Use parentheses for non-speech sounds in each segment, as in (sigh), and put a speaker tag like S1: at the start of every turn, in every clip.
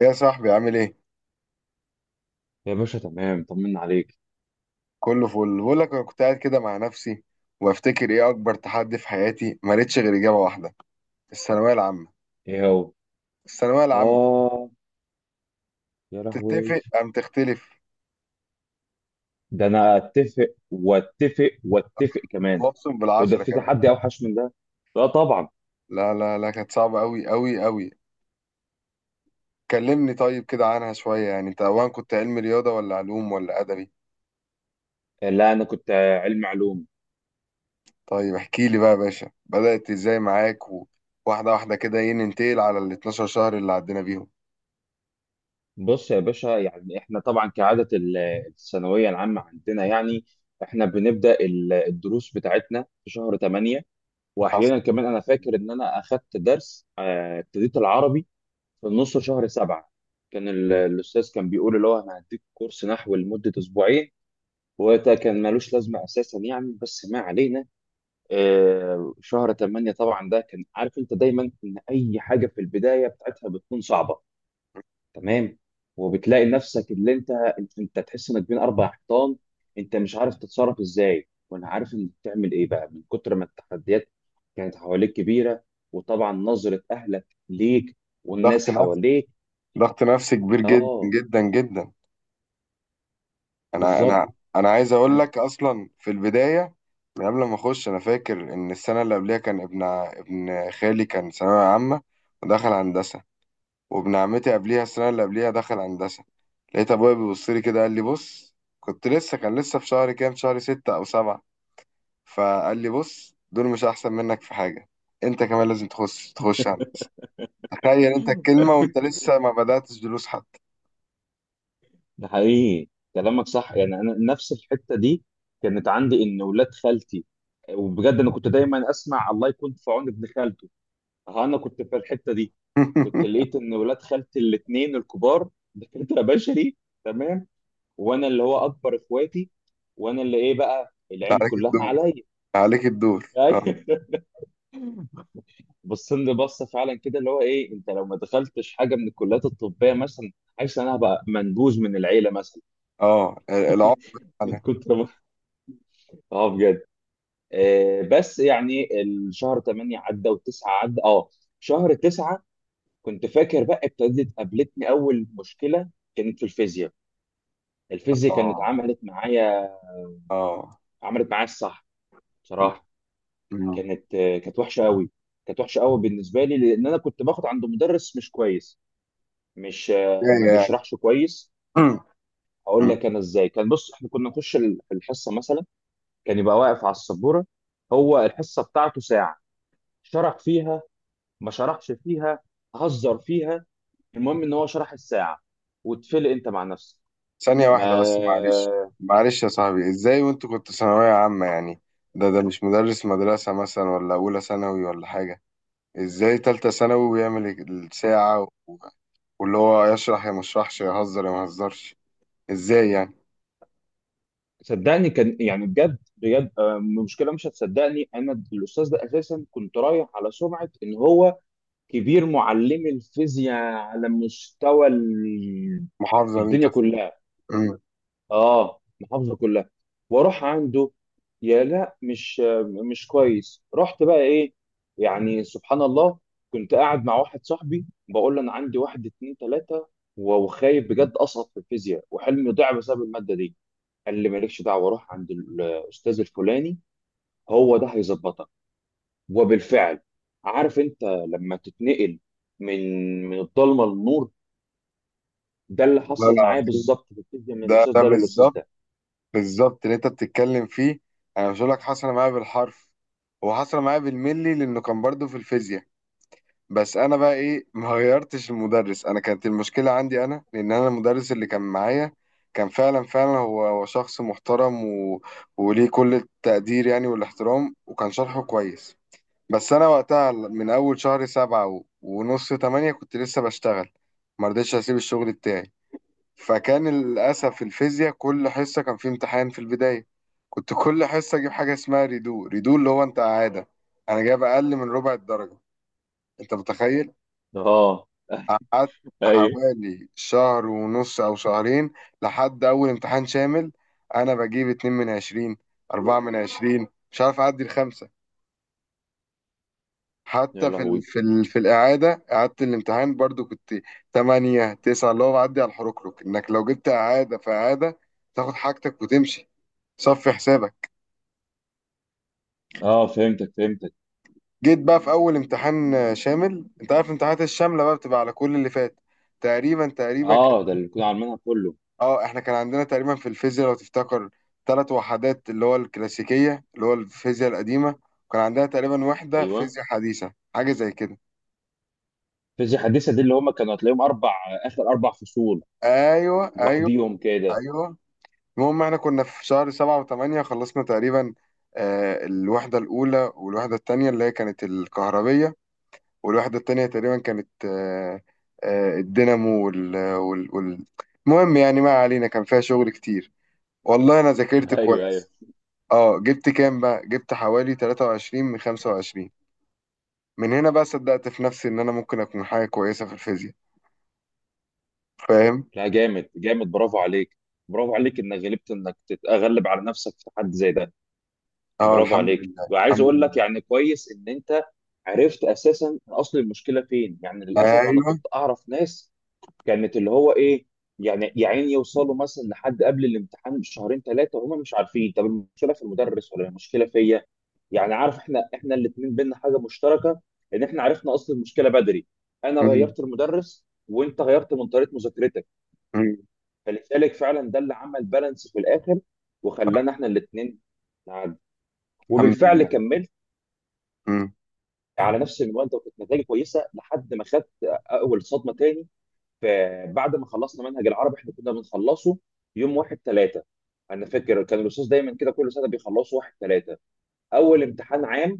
S1: يا صاحبي، عامل ايه؟
S2: يا باشا، تمام، طمنا عليك.
S1: كله فل. بقول لك انا كنت قاعد كده مع نفسي وافتكر ايه اكبر تحدي في حياتي، ما لقيتش غير اجابه واحده: الثانويه العامه.
S2: ايه هو؟
S1: الثانويه العامه.
S2: اه. يا لهوي.
S1: تتفق ام تختلف؟
S2: ده انا اتفق واتفق واتفق كمان.
S1: وابصم
S2: وده
S1: بالعشره
S2: في
S1: كمان.
S2: تحدي اوحش من ده؟ لا طبعا.
S1: لا لا لا، كانت صعبه قوي قوي قوي. كلمني طيب كده عنها شويه، يعني انت اولا كنت علم رياضه ولا علوم ولا ادبي؟
S2: لا انا كنت علم علوم.
S1: طيب احكي لي بقى يا باشا، بدات ازاي معاك و- واحده واحده كده، ايه، ننتقل على ال 12 شهر اللي عدينا بيهم.
S2: بص يا باشا، يعني احنا طبعا كعادة الثانوية العامة عندنا، يعني احنا بنبدأ الدروس بتاعتنا في شهر 8.
S1: حصل.
S2: واحيانا كمان انا فاكر ان انا اخدت درس ابتديت العربي في النص شهر 7. كان الأستاذ كان بيقول اللي هو أنا هديك كورس نحو لمدة أسبوعين، وده كان ملوش لازمة أساسا يعني، بس ما علينا. شهر تمانية، طبعا ده كان عارف أنت دايما إن أي حاجة في البداية بتاعتها بتكون صعبة. تمام. وبتلاقي نفسك اللي أنت تحس إنك بين أربع حيطان. أنت مش عارف تتصرف إزاي، وأنا عارف إنك تعمل إيه بقى من كتر ما التحديات كانت حواليك كبيرة. وطبعا نظرة أهلك ليك، والناس
S1: ضغط نفسي،
S2: حواليك.
S1: ضغط نفسي كبير جدا
S2: اه،
S1: جدا جدا. انا
S2: بالظبط.
S1: انا
S2: (laughs)
S1: انا عايز اقول لك اصلا في البدايه، من قبل ما اخش انا فاكر ان السنه اللي قبلها كان ابن خالي كان ثانويه عامه ودخل هندسه. وابن عمتي قبليها، السنه اللي قبليها دخل هندسه. لقيت ابويا بيبص لي كده قال لي: بص، كنت لسه، كان لسه في شهر كام، شهر ستة او سبعة. فقال لي: بص، دول مش احسن منك في حاجه، انت كمان لازم تخش هندسه. تخيل انت الكلمه وانت لسه ما بداتش دروس حتى.
S2: ده حقيقي، كلامك صح. يعني انا نفس الحته دي كانت عندي، ان ولاد خالتي، وبجد انا كنت دايما اسمع الله يكون في عون ابن خالته. ها، انا كنت في الحته دي. كنت
S1: (laughs)
S2: لقيت ان ولاد خالتي الاثنين الكبار دكاتره بشري. تمام. وانا اللي هو اكبر اخواتي، وانا اللي ايه بقى العين
S1: عليك
S2: كلها
S1: الدور،
S2: عليا.
S1: عليك الدور آه.
S2: (laughs) بصين لي بصه فعلا كده اللي هو ايه، انت لو ما دخلتش حاجه من الكليات الطبيه مثلا، حاسس إن انا هبقى منبوذ من العيله مثلا.
S1: اه، العقد.
S2: (laughs) من
S1: انا
S2: كتر ما. اه بجد. بس يعني الشهر 8 عدى و9 عدى. اه، شهر 9. كنت فاكر بقى ابتدت قابلتني اول مشكله، كانت في الفيزياء. الفيزياء كانت
S1: اه
S2: عملت معايا
S1: اه
S2: عملت معايا الصح.
S1: م-
S2: بصراحه،
S1: م.
S2: كانت وحشه قوي. كانت وحشه قوي بالنسبه لي، لان انا كنت باخد عند مدرس مش كويس. مش آه ما
S1: ازاي يعني؟
S2: بيشرحش كويس.
S1: (clears throat)
S2: اقول
S1: م.
S2: لك انا ازاي كان، بص احنا كنا نخش الحصه مثلا، كان يبقى واقف على السبوره، هو الحصه بتاعته ساعه، شرح فيها، ما شرحش فيها، هزر فيها. المهم ان هو شرح الساعه واتفلق انت مع نفسك.
S1: ثانية واحدة بس معلش.
S2: ما
S1: معلش يا صاحبي، ازاي وانت كنت ثانوية عامة؟ يعني ده مش مدرس مدرسة مثلا، ولا أولى ثانوي ولا حاجة. ازاي تالتة ثانوي ويعمل الساعة و- واللي هو يشرح يا مشرحش، يهزر يا مهزرش؟ ازاي يعني؟
S2: صدقني، كان يعني بجد بجد. المشكله مش هتصدقني، انا الاستاذ ده اساسا كنت رايح على سمعه ان هو كبير معلمي الفيزياء على مستوى
S1: محافظة اللي انت
S2: الدنيا
S1: فيها.
S2: كلها.
S1: م.
S2: اه، محافظه كلها، واروح عنده، يا لا، مش كويس. رحت بقى ايه، يعني سبحان الله، كنت قاعد مع واحد صاحبي بقول له انا عندي واحد اتنين تلاته، وخايف بجد اسقط في الفيزياء، وحلمي ضاع بسبب الماده دي. قال لي مالكش دعوه، روح عند الاستاذ الفلاني، هو ده هيظبطك. وبالفعل، عارف انت لما تتنقل من الضلمه للنور، ده اللي
S1: لا
S2: حصل معايا
S1: العظيم،
S2: بالظبط في الفيزياء، من
S1: ده
S2: الاستاذ
S1: ده
S2: ده للاستاذ
S1: بالظبط،
S2: ده.
S1: بالظبط اللي انت بتتكلم فيه. انا مش هقول لك حصل معايا بالحرف، هو حصل معايا بالملي، لانه كان برضه في الفيزياء. بس انا بقى ايه، ما غيرتش المدرس. انا كانت المشكله عندي انا، لان انا المدرس اللي كان معايا كان فعلا فعلا هو هو شخص محترم وليه كل التقدير يعني والاحترام، وكان شرحه كويس. بس انا وقتها من اول شهر سبعة ونص تمانية كنت لسه بشتغل، ما رضيتش اسيب الشغل بتاعي. فكان للأسف الفيزياء كل حصة كان في امتحان في البداية، كنت كل حصة أجيب حاجة اسمها ريدو ريدو اللي هو أنت إعادة، أنا جايب أقل من ربع الدرجة. أنت متخيل؟
S2: اه.
S1: قعدت
S2: (laughs) ايوه.
S1: حوالي شهر ونص أو شهرين، لحد أول امتحان شامل أنا بجيب اتنين من عشرين، أربعة من عشرين، مش عارف أعدي الخمسة.
S2: يا
S1: حتى
S2: لهوي.
S1: في الإعادة، إعادة الامتحان برضو كنت تمانية تسعة، اللي هو بعدي على الحركرك إنك لو جبت إعادة في إعادة تاخد حاجتك وتمشي، صفي حسابك.
S2: اه، فهمتك، فهمتك.
S1: جيت بقى في اول امتحان شامل. انت عارف الامتحانات الشامله بقى بتبقى على كل اللي فات تقريبا. تقريبا كانت،
S2: اه، ده اللي كنا عاملينها كله.
S1: اه احنا كان عندنا تقريبا في الفيزياء لو تفتكر ثلاث وحدات، اللي هو الكلاسيكيه، اللي هو الفيزياء القديمه. وكان عندنا تقريبا وحده
S2: ايوه.
S1: فيزياء حديثه حاجه زي كده.
S2: فيزياء حديثه دي اللي هم كانوا هتلاقيهم اربع، اخر اربع فصول
S1: ايوه، ايوه،
S2: لوحديهم كده.
S1: ايوه. المهم احنا كنا في شهر سبعة وثمانية خلصنا تقريبا آه الوحده الاولى والوحده الثانيه اللي هي كانت الكهربيه. والواحدة التانية تقريبا كانت الدينامو المهم يعني ما علينا، كان فيها شغل كتير، والله أنا ذاكرت
S2: ايوه، ايوه.
S1: كويس. اه جبت كام بقى، جبت حوالي 23 من 25. من هنا بقى صدقت في نفسي إن أنا ممكن أكون حاجة كويسة في الفيزياء، فاهم.
S2: لا، جامد جامد، برافو عليك. برافو عليك انك غلبت، انك تتغلب على نفسك في تحدي زي ده.
S1: اه،
S2: برافو
S1: الحمد
S2: عليك.
S1: لله،
S2: وعايز
S1: الحمد
S2: اقول لك،
S1: لله.
S2: يعني كويس ان انت عرفت اساسا اصل المشكله فين. يعني للاسف انا
S1: أيوه.
S2: كنت اعرف ناس كانت اللي هو ايه، يعني يا عيني، يوصلوا مثلا لحد قبل الامتحان بشهرين ثلاثه وهم مش عارفين طب المشكله في المدرس ولا المشكله فيا. يعني عارف، احنا الاثنين بينا حاجه مشتركه، ان احنا عرفنا اصل المشكله بدري. انا
S1: مم.
S2: غيرت المدرس، وانت غيرت من طريقه مذاكرتك.
S1: مم.
S2: فلذلك فعلا ده اللي عمل بالانس في الاخر،
S1: صح.
S2: وخلانا احنا الاثنين نعدي.
S1: الحمد
S2: وبالفعل
S1: لله.
S2: كملت
S1: مم.
S2: على نفس المنوال ده، وكانت نتائجي كويسه لحد ما خدت اول صدمه تاني. فبعد ما خلصنا منهج العربي، احنا كنا بنخلصه يوم 1/3، انا فاكر كان الاستاذ دايما كده كل سنه بيخلصوا 1/3. اول امتحان عام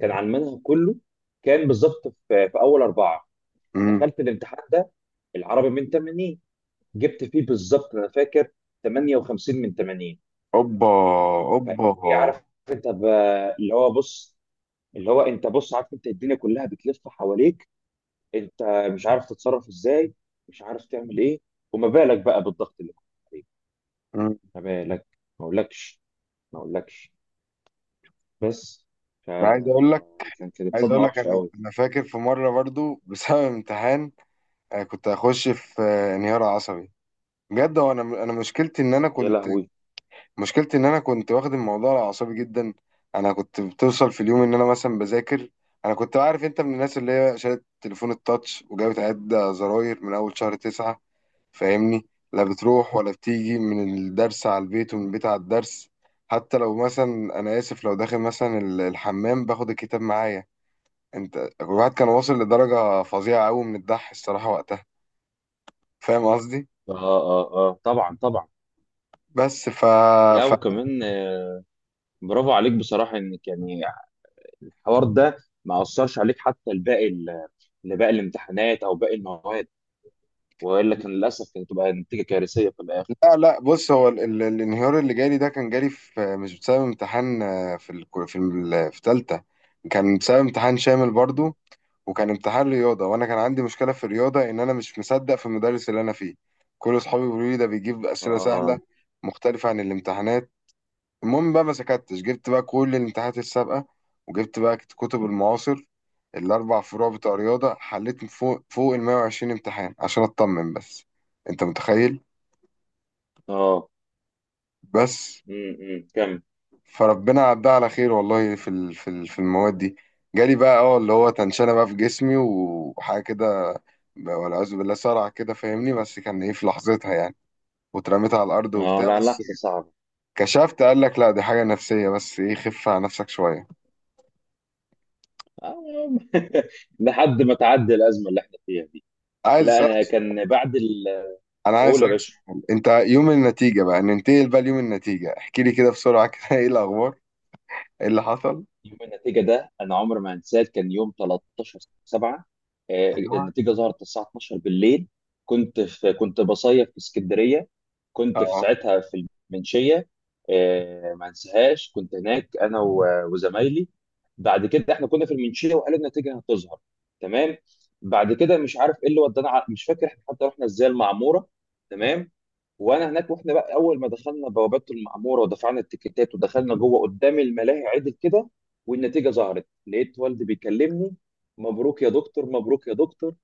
S2: كان عن المنهج كله، كان بالظبط في, اول اربعه.
S1: مم.
S2: دخلت الامتحان ده، العربي من 80، جبت فيه بالظبط انا فاكر 58 من 80.
S1: أوبا، أوبا.
S2: فايه عارف، انت اللي هو بص، اللي هو انت بص، عارف انت الدنيا كلها بتلف حواليك، انت مش عارف تتصرف ازاي، مش عارف تعمل ايه. وما بالك بقى بالضغط اللي كنت عليه،
S1: مم.
S2: ما بالك، ما اقولكش، ما اقولكش بس. ف...
S1: أنا عايز أقول لك،
S2: كانت
S1: عايز
S2: صدمه
S1: أقول لك
S2: وحشه
S1: أنا
S2: قوي.
S1: أنا فاكر في مرة برضو (laughs) بسبب امتحان انا كنت هخش في انهيار عصبي، بجد. هو انا مشكلتي ان انا
S2: يا
S1: كنت
S2: لهوي.
S1: مشكلتي ان انا كنت واخد الموضوع على اعصابي جدا. انا كنت بتوصل في اليوم ان انا مثلا بذاكر. انا كنت، عارف انت، من الناس اللي هي شالت تليفون التاتش وجابت عدة زراير من اول شهر تسعة، فاهمني. لا بتروح ولا بتيجي من الدرس على البيت ومن البيت على الدرس، حتى لو مثلا انا اسف لو داخل مثلا الحمام باخد الكتاب معايا. انت الواحد كان واصل لدرجة فظيعة قوي من الدح الصراحة وقتها، فاهم قصدي.
S2: اه اه اه، طبعا طبعا.
S1: بس
S2: يا
S1: ف...
S2: وكمان برافو عليك بصراحه انك يعني الحوار ده ما اثرش عليك حتى لباقي لباقي الامتحانات او باقي المواد، والا كان للاسف كانت تبقى نتيجه كارثيه في الاخر.
S1: لا لا بص، هو الانهيار اللي جالي ده كان جالي في مش بسبب امتحان في في تالتة. كان بسبب امتحان شامل برضو، وكان امتحان رياضة، وانا كان عندي مشكلة في الرياضة ان انا مش مصدق في المدرس اللي انا فيه. كل اصحابي بيقولوا لي ده بيجيب اسئلة سهلة
S2: اه،
S1: مختلفة عن الامتحانات. المهم بقى ما سكتش، جبت بقى كل الامتحانات السابقة، وجبت بقى كتب المعاصر الاربع فروع بتوع رياضة، حليت فوق فوق ال 120 امتحان عشان اطمن بس. انت متخيل؟
S2: اه.
S1: بس.
S2: كم.
S1: فربنا عدها على خير والله، في المواد دي. جالي بقى اه اللي هو تنشنة بقى في جسمي وحاجة كده، والعياذ بالله، صرع كده فاهمني، بس كان ايه في لحظتها يعني. واترميت على الأرض
S2: اه،
S1: وبتاع
S2: لا،
S1: بس.
S2: لحظه صعبه.
S1: كشفت قال لك: لا دي حاجة نفسية بس، ايه، خف على نفسك شوية.
S2: آه، (laughs) لحد ما تعدي الازمه اللي احنا فيها دي.
S1: عايز
S2: لا
S1: أسألك
S2: انا
S1: سؤال-
S2: كان بعد الاول.
S1: أنا عايز
S2: يا
S1: أسألك
S2: باشا،
S1: سؤال، انت يوم النتيجة بقى، ننتقل بقى ليوم النتيجة، احكي لي كده بسرعة كده (laughs) ايه الأخبار؟ ايه اللي حصل؟
S2: يوم النتيجه ده انا عمري ما هنساه، كان يوم 13 7.
S1: ايوه.
S2: النتيجه ظهرت الساعه 12 بالليل. كنت بصيف في اسكندريه. كنت في
S1: اه
S2: ساعتها في المنشيه. ما انساهاش، كنت هناك انا وزمايلي. بعد كده احنا كنا في المنشيه وقالوا النتيجه هتظهر. تمام. بعد كده مش عارف ايه اللي ودانا مش فاكر احنا حتى رحنا ازاي المعموره. تمام. وانا هناك، واحنا بقى اول ما دخلنا بوابات المعموره ودفعنا التيكيتات ودخلنا جوه قدام الملاهي عدل كده، والنتيجه ظهرت، لقيت والدي بيكلمني، مبروك يا دكتور، مبروك يا دكتور.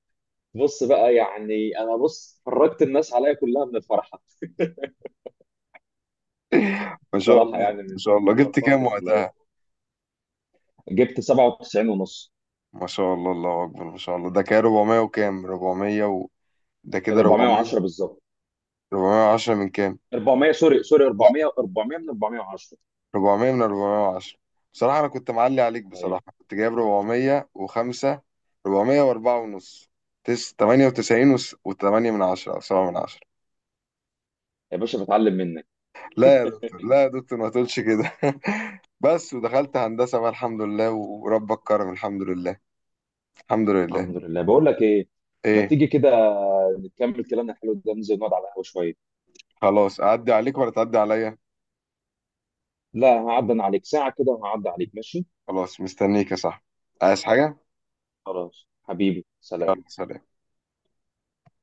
S2: بص بقى، يعني انا بص فرجت الناس عليا كلها من الفرحه.
S1: ما شاء
S2: بصراحه،
S1: الله،
S2: يعني
S1: ما
S2: من
S1: شاء الله،
S2: كل
S1: جبت
S2: الفرحه
S1: كام
S2: كانت عليا،
S1: وقتها؟
S2: جبت 97 ونص.
S1: ما شاء الله، الله أكبر، ما شاء الله. ده كده 400 وكام؟ 400 ده
S2: كان
S1: كده
S2: 410
S1: 400.
S2: بالظبط.
S1: 410 من كام؟
S2: 400، سوري سوري،
S1: لا،
S2: 400 400 من 410.
S1: 400 من 410؟ بصراحة أنا كنت معلي عليك
S2: أيوة.
S1: بصراحة، كنت جايب 405، 404 ونص، 98 و8 من 10 أو 7 من 10.
S2: يا باشا، بتعلم منك.
S1: لا يا دكتور، لا يا دكتور، ما تقولش كده (laughs) بس، ودخلت هندسة بقى الحمد لله وربك كرم، الحمد لله، الحمد لله.
S2: الحمد لله. بقول لك ايه، ما
S1: ايه.
S2: تيجي كده نكمل كلامنا الحلو ده، ننزل نقعد على القهوه شويه.
S1: خلاص، أعدي عليك ولا تعدي عليا؟
S2: لا هعدي عليك ساعة كده، وهعدي عليك، ماشي.
S1: خلاص، مستنيك يا صاحبي، عايز حاجة؟
S2: خلاص، حبيبي، سلام.
S1: يلا، سلام.